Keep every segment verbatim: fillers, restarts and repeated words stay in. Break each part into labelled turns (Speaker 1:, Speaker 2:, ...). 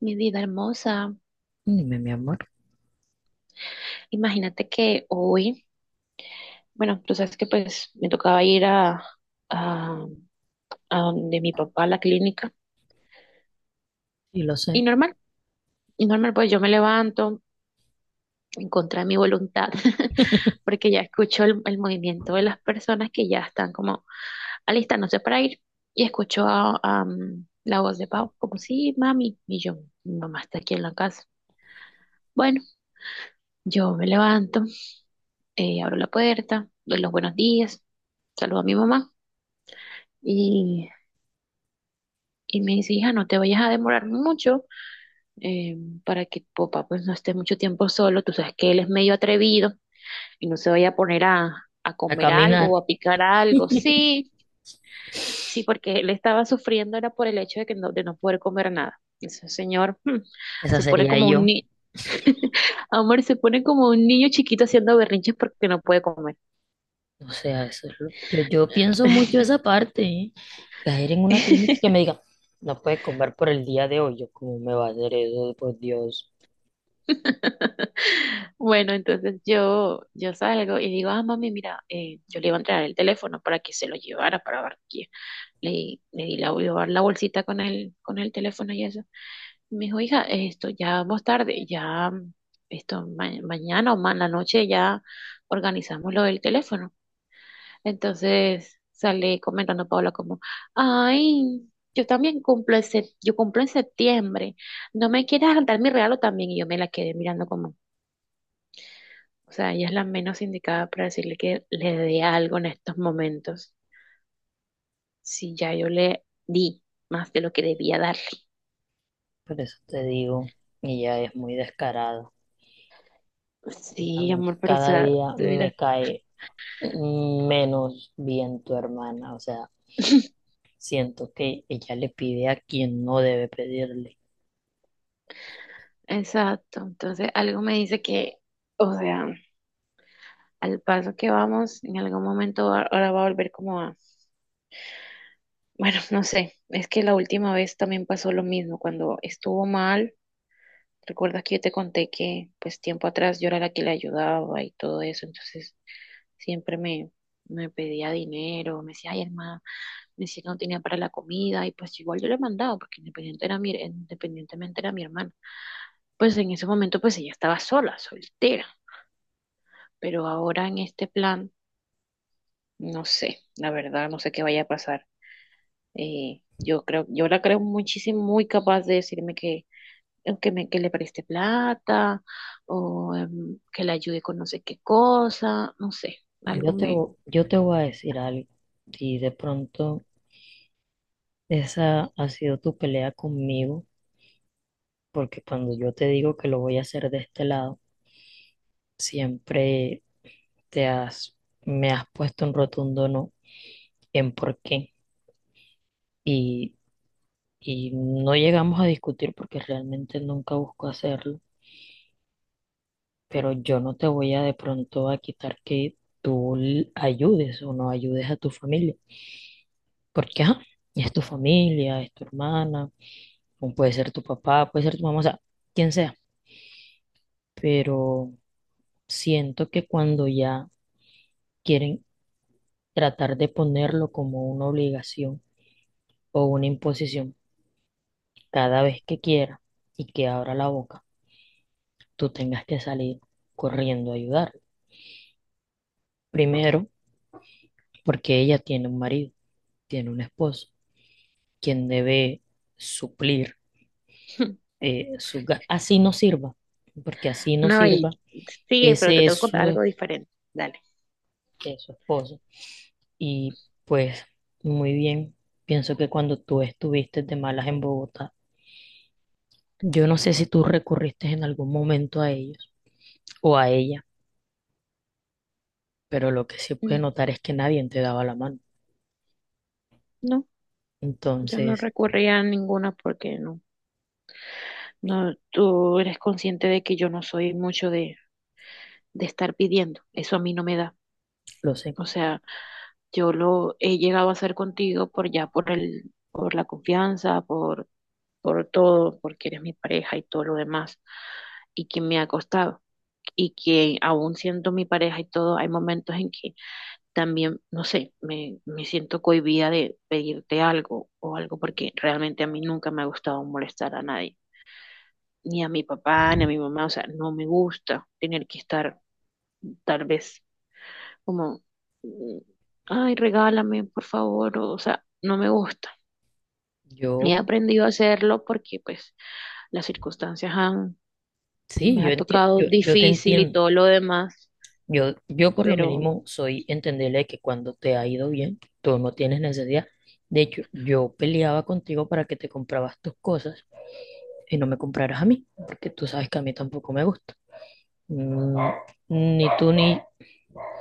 Speaker 1: Mi vida hermosa,
Speaker 2: Dime, mi amor,
Speaker 1: imagínate que hoy, bueno, tú sabes que pues me tocaba ir a, a, a donde mi papá, a la clínica,
Speaker 2: y lo
Speaker 1: y
Speaker 2: sé.
Speaker 1: normal, y normal, pues yo me levanto en contra de mi voluntad, porque ya escucho el, el movimiento de las personas que ya están como alistándose para ir, y escucho a, a, mm, la voz de Pau, como, sí, mami, y yo, mi mamá está aquí en la casa. Bueno, yo me levanto. Eh, abro la puerta, doy los buenos días, saludo a mi mamá y, y me dice, hija, no te vayas a demorar mucho, eh, para que tu papá pues no esté mucho tiempo solo. Tú sabes que él es medio atrevido y no se vaya a poner a, a
Speaker 2: A
Speaker 1: comer
Speaker 2: caminar,
Speaker 1: algo o a picar algo. Sí, sí, porque él estaba sufriendo era por el hecho de que no, de no poder comer nada. Ese señor hmm,
Speaker 2: esa
Speaker 1: se pone
Speaker 2: sería
Speaker 1: como un
Speaker 2: yo.
Speaker 1: niño. Amor, se pone como un niño chiquito haciendo berrinches porque no puede comer.
Speaker 2: O sea, eso es lo- yo, yo pienso mucho esa parte, ¿eh? Caer en una clínica y que me diga, no puedes comer por el día de hoy. Yo, ¿cómo me va a hacer eso? Por Dios.
Speaker 1: Bueno, entonces yo, yo salgo y digo, ah, mami, mira, eh, yo le iba a entregar el teléfono para que se lo llevara para Barranquilla. Le, di- le di la, llevar la bolsita con el, con el teléfono y eso. Y me dijo, hija, esto ya vamos tarde, ya, mm, esto ma- mañana o más en la noche ya organizamos lo del teléfono. Entonces sale comentando Paula como, ay, yo también cumplo, en sep- yo cumplo en septiembre, ¿no me quieres dar mi regalo también? Y yo me la quedé mirando como. O sea, ella es la menos indicada para decirle que le dé algo en estos momentos. Si ya yo le di más de lo que debía darle.
Speaker 2: Por eso te digo, ella es muy descarada.
Speaker 1: Sí,
Speaker 2: Realmente
Speaker 1: amor, pero o
Speaker 2: cada
Speaker 1: sea,
Speaker 2: día
Speaker 1: tú
Speaker 2: me
Speaker 1: dirás.
Speaker 2: cae menos bien tu hermana. O sea, siento que ella le pide a quien no debe pedirle.
Speaker 1: Exacto. Entonces, algo me dice que, o sea, al paso que vamos, en algún momento va- ahora va a volver como a. Bueno, no sé. Es que la última vez también pasó lo mismo. Cuando estuvo mal, recuerdas que yo te conté que, pues, tiempo atrás yo era la que le ayudaba y todo eso. Entonces, siempre me, me pedía dinero, me decía, ay, hermano, me decía que no tenía para la comida, y pues igual yo le mandaba, porque independiente era mi, independientemente era mi hermana. Pues en ese momento, pues ella estaba sola, soltera, pero ahora en este plan, no sé, la verdad, no sé qué vaya a pasar. Eh, yo creo, yo la creo muchísimo, muy capaz de decirme que, que me, que le preste plata, o em, que le ayude con no sé qué cosa, no sé,
Speaker 2: Yo
Speaker 1: algo
Speaker 2: te,
Speaker 1: me.
Speaker 2: vo- yo te voy a decir algo. Si de pronto. Esa ha sido tu pelea conmigo, porque cuando yo te digo que lo voy a hacer de este lado, siempre te has, me has puesto un rotundo no en por qué. Y, y no llegamos a discutir porque realmente nunca busco hacerlo, pero yo no te voy a de pronto a quitar que tú l- ayudes o no ayudes a tu familia, porque ajá, es tu familia, es tu hermana, o puede ser tu papá, puede ser tu mamá, o sea, quien sea, pero... Siento que cuando ya quieren tratar de ponerlo como una obligación o una imposición, cada vez que quiera y que abra la boca, tú tengas que salir corriendo a ayudar. Primero, porque ella tiene un marido, tiene un esposo, quien debe suplir eh, sus ga- Así no sirva, porque así no
Speaker 1: No, y
Speaker 2: sirva,
Speaker 1: sigue, pero te
Speaker 2: ese es
Speaker 1: tengo que contar
Speaker 2: su,
Speaker 1: algo diferente. Dale.
Speaker 2: es su esposo. Y pues, muy bien, pienso que cuando tú estuviste de malas en Bogotá, yo no sé si tú recurriste en algún momento a ellos o a ella, pero lo que se puede
Speaker 1: Mm,
Speaker 2: notar es que nadie te daba la mano.
Speaker 1: no, yo no
Speaker 2: Entonces,
Speaker 1: recurría a ninguna porque no, no, tú eres consciente de que yo no soy mucho de, de estar pidiendo. Eso a mí no me da.
Speaker 2: lo sé.
Speaker 1: O sea, yo lo he llegado a hacer contigo por ya, por el, por la confianza, por, por todo, porque eres mi pareja y todo lo demás, y que me ha costado. Y que aún siendo mi pareja y todo, hay momentos en que también, no sé, me, me siento cohibida de pedirte algo o algo porque realmente a mí nunca me ha gustado molestar a nadie, ni a mi papá, ni a mi mamá, o sea, no me gusta tener que estar tal vez como, mm, ay, regálame, por favor, o, o sea, no me gusta. He
Speaker 2: Yo,
Speaker 1: aprendido a hacerlo porque pues las circunstancias han,
Speaker 2: sí,
Speaker 1: me
Speaker 2: yo
Speaker 1: ha
Speaker 2: entiendo,
Speaker 1: tocado
Speaker 2: yo, yo te
Speaker 1: difícil y
Speaker 2: entiendo.
Speaker 1: todo lo demás,
Speaker 2: Yo, yo por lo
Speaker 1: pero
Speaker 2: mínimo soy entenderle que cuando te ha ido bien, tú no tienes necesidad. De hecho, yo peleaba contigo para que te comprabas tus cosas y no me compraras a mí, porque tú sabes que a mí tampoco me gusta. Mm, ni tú ni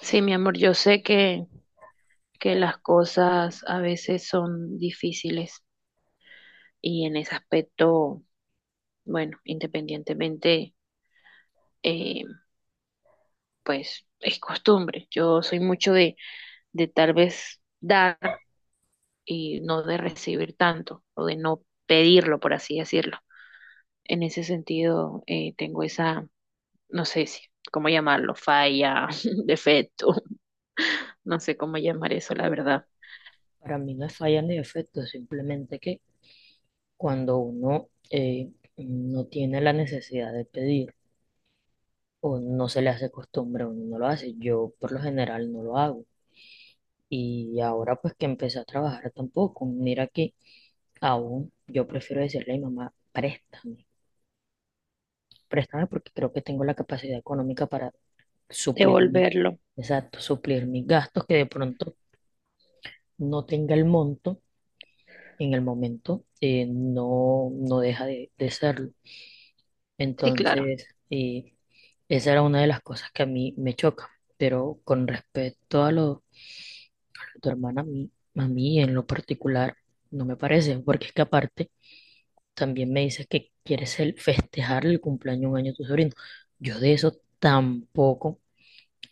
Speaker 1: sí, mi amor, yo sé que que las cosas a veces son difíciles y en ese aspecto, bueno, independientemente, eh, pues es costumbre. Yo soy mucho de, de tal vez dar y no de recibir tanto o de no pedirlo, por así decirlo. En ese sentido, eh, tengo esa, no sé si, cómo llamarlo, falla, defecto, no sé cómo llamar eso, la verdad.
Speaker 2: para mí no es falla ni defecto, simplemente que cuando uno eh, no tiene la necesidad de pedir o no se le hace costumbre, uno no lo hace. Yo por lo general no lo hago. Y ahora pues que empecé a trabajar tampoco. Mira que aún yo prefiero decirle a mi mamá, préstame, préstame porque creo que tengo la capacidad económica para suplir mi,
Speaker 1: Devolverlo.
Speaker 2: exacto, suplir mis gastos que de pronto no tenga el monto en el momento, eh, no, no deja de, de serlo.
Speaker 1: Sí, claro.
Speaker 2: Entonces, eh, esa era una de las cosas que a mí me choca. Pero con respecto a lo de tu hermana, a mí, a mí en lo particular no me parece, porque es que aparte también me dices que quieres el, festejar el cumpleaños de un año de tu sobrino. Yo de eso tampoco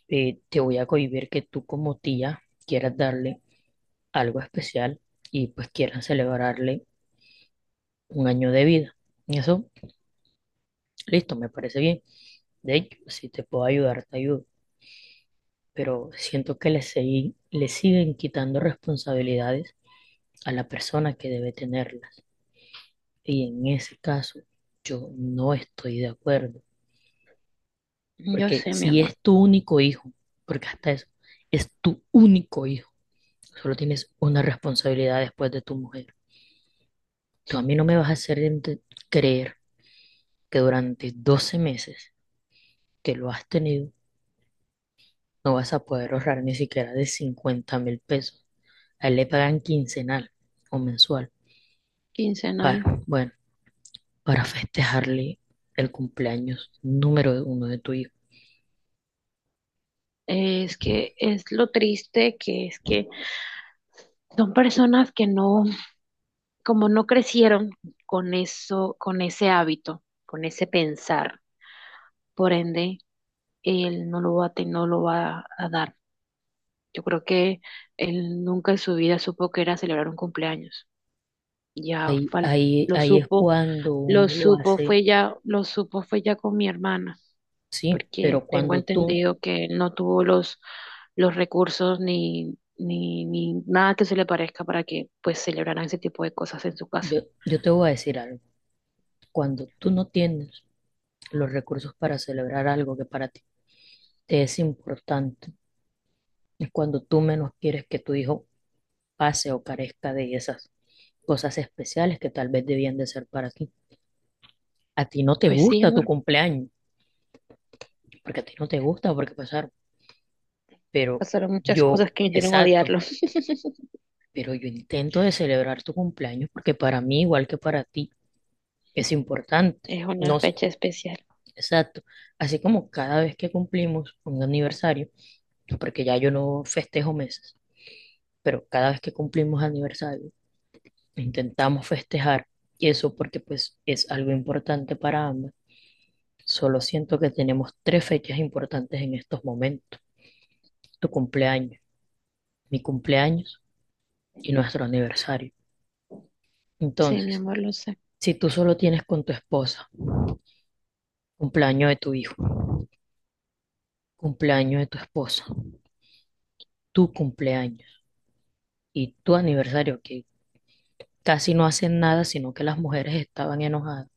Speaker 2: eh, te voy a cohibir que tú como tía quieras darle algo especial y pues quieras celebrarle un año de vida. Y eso, listo, me parece bien. De hecho, si te puedo ayudar, te ayudo pero siento que le, segui- le siguen quitando responsabilidades a la persona que debe tenerlas. Y en ese caso, yo no estoy de acuerdo,
Speaker 1: Yo
Speaker 2: porque
Speaker 1: sé, mi
Speaker 2: si
Speaker 1: amor.
Speaker 2: es tu único hijo, porque hasta eso, es tu único hijo, solo tienes una responsabilidad después de tu mujer. Tú a mí no me vas a hacer ente- creer que durante doce meses que lo has tenido, no vas a poder ahorrar ni siquiera de cincuenta mil pesos. A él le pagan quincenal o mensual.
Speaker 1: Quincenal.
Speaker 2: Para Bueno, para festejarle el cumpleaños número uno de tu hijo.
Speaker 1: Es que es lo triste que es que son personas que no, como no crecieron con eso, con ese hábito, con ese pensar, por ende, él no lo va a, te- no lo va a dar. Yo creo que él nunca en su vida supo que era celebrar un cumpleaños. Ya
Speaker 2: Ahí,
Speaker 1: fal-
Speaker 2: ahí,
Speaker 1: lo
Speaker 2: ahí es
Speaker 1: supo,
Speaker 2: cuando
Speaker 1: lo
Speaker 2: uno lo
Speaker 1: supo,
Speaker 2: hace,
Speaker 1: fue ya, lo supo, fue ya con mi hermana.
Speaker 2: sí,
Speaker 1: Porque
Speaker 2: pero
Speaker 1: tengo
Speaker 2: cuando tú,
Speaker 1: entendido que él no tuvo los, los recursos ni, ni, ni nada que se le parezca para que pues celebraran ese tipo de cosas en su casa.
Speaker 2: yo, yo te voy a decir algo, cuando tú no tienes los recursos para celebrar algo que para ti te es importante, es cuando tú menos quieres que tu hijo pase o carezca de esas cosas especiales que tal vez debían de ser para ti. A ti no te
Speaker 1: Pues sí,
Speaker 2: gusta tu
Speaker 1: amor,
Speaker 2: cumpleaños, porque a ti no te gusta porque pasar, pero
Speaker 1: pasaron muchas cosas
Speaker 2: yo,
Speaker 1: que me hicieron
Speaker 2: exacto,
Speaker 1: odiarlo.
Speaker 2: pero yo intento de celebrar tu cumpleaños porque para mí, igual que para ti, es importante.
Speaker 1: Es una
Speaker 2: No sé,
Speaker 1: fecha especial.
Speaker 2: exacto. Así como cada vez que cumplimos un aniversario, porque ya yo no festejo meses, pero cada vez que cumplimos aniversario, intentamos festejar y eso porque pues es algo importante para ambas. Solo siento que tenemos tres fechas importantes en estos momentos. Tu cumpleaños, mi cumpleaños y nuestro aniversario.
Speaker 1: Sí, mi
Speaker 2: Entonces,
Speaker 1: amor, lo sé.
Speaker 2: si tú solo tienes con tu esposa cumpleaños de tu hijo, cumpleaños de tu esposa, tu cumpleaños y tu aniversario, que casi no hacen nada, sino que las mujeres estaban enojadas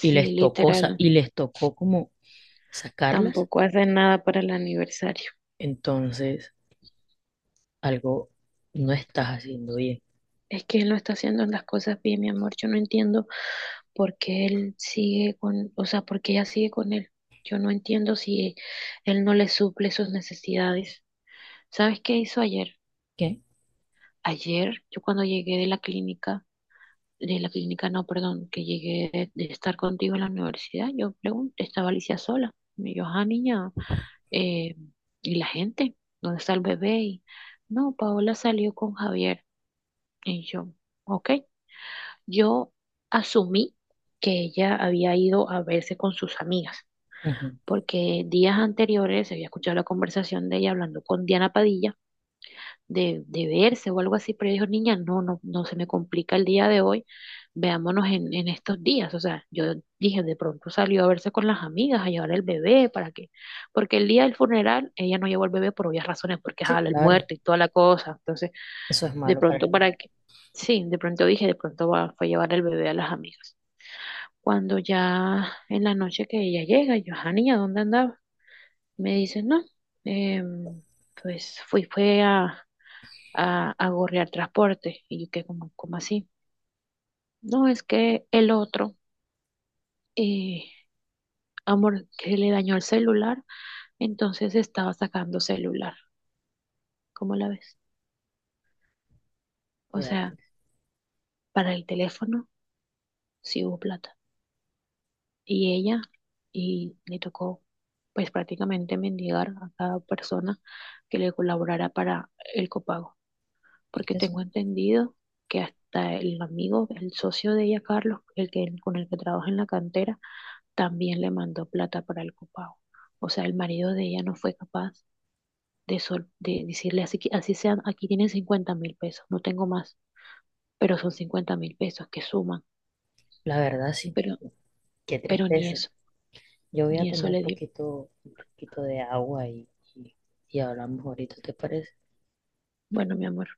Speaker 2: y les tocó, sa-
Speaker 1: literal,
Speaker 2: y les tocó como sacarlas,
Speaker 1: tampoco hacen nada para el aniversario.
Speaker 2: entonces algo no estás haciendo bien.
Speaker 1: Es que él no está haciendo las cosas bien, mi amor. Yo no entiendo por qué él sigue con, o sea, por qué ella sigue con él. Yo no entiendo si él no le suple sus necesidades. ¿Sabes qué hizo ayer?
Speaker 2: ¿Qué?
Speaker 1: Ayer, yo cuando llegué de la clínica, de la clínica, no, perdón, que llegué de, de estar contigo en la universidad, yo pregunté, estaba Alicia sola. Me dijo, ah, niña, eh, ¿y la gente? ¿Dónde está el bebé? Y, no, Paola salió con Javier. Y yo, ok. Yo asumí que ella había ido a verse con sus amigas,
Speaker 2: Ujú.
Speaker 1: porque días anteriores había escuchado la conversación de ella hablando con Diana Padilla de, de verse o algo así, pero ella dijo, niña, no, no, no se me complica el día de hoy, veámonos en, en estos días. O sea, yo dije, de pronto salió a verse con las amigas, a llevar el bebé, ¿para qué? Porque el día del funeral ella no llevó el bebé por obvias razones, porque
Speaker 2: Sí,
Speaker 1: jala el
Speaker 2: claro,
Speaker 1: muerto y toda la cosa. Entonces,
Speaker 2: eso es
Speaker 1: de
Speaker 2: malo para
Speaker 1: pronto,
Speaker 2: el
Speaker 1: ¿para
Speaker 2: niño.
Speaker 1: qué? Sí, de pronto dije, de pronto va, fue a llevar el bebé a las amigas. Cuando ya en la noche que ella llega, yo, "Ah, niña, ¿dónde andaba? Me dice, no, em, pues fui, fue a, a, a gorrear transporte. Y yo, ¿qué como, como así? No, es que el otro, eh, amor, que le dañó el celular, entonces estaba sacando celular. ¿Cómo la ves? O
Speaker 2: Vea,
Speaker 1: sea,
Speaker 2: pues,
Speaker 1: para el teléfono sí hubo plata. Y ella, y le tocó, pues prácticamente mendigar a cada persona que le colaborara para el copago.
Speaker 2: es
Speaker 1: Porque
Speaker 2: que
Speaker 1: tengo
Speaker 2: eso,
Speaker 1: entendido que hasta el amigo, el socio de ella, Carlos, el que, con el que trabaja en la cantera, también le mandó plata para el copago. O sea, el marido de ella no fue capaz de, sol- de decirle, así, que- así sean, aquí tienen cincuenta mil pesos, no tengo más, pero son cincuenta mil pesos que suman,
Speaker 2: la verdad sí,
Speaker 1: pero,
Speaker 2: qué
Speaker 1: pero ni
Speaker 2: tristeza.
Speaker 1: eso,
Speaker 2: Yo voy a
Speaker 1: ni
Speaker 2: tomar
Speaker 1: eso
Speaker 2: un
Speaker 1: le dio.
Speaker 2: poquito, un poquito de agua y, y, y hablamos ahorita, ¿te parece?
Speaker 1: Bueno, mi amor.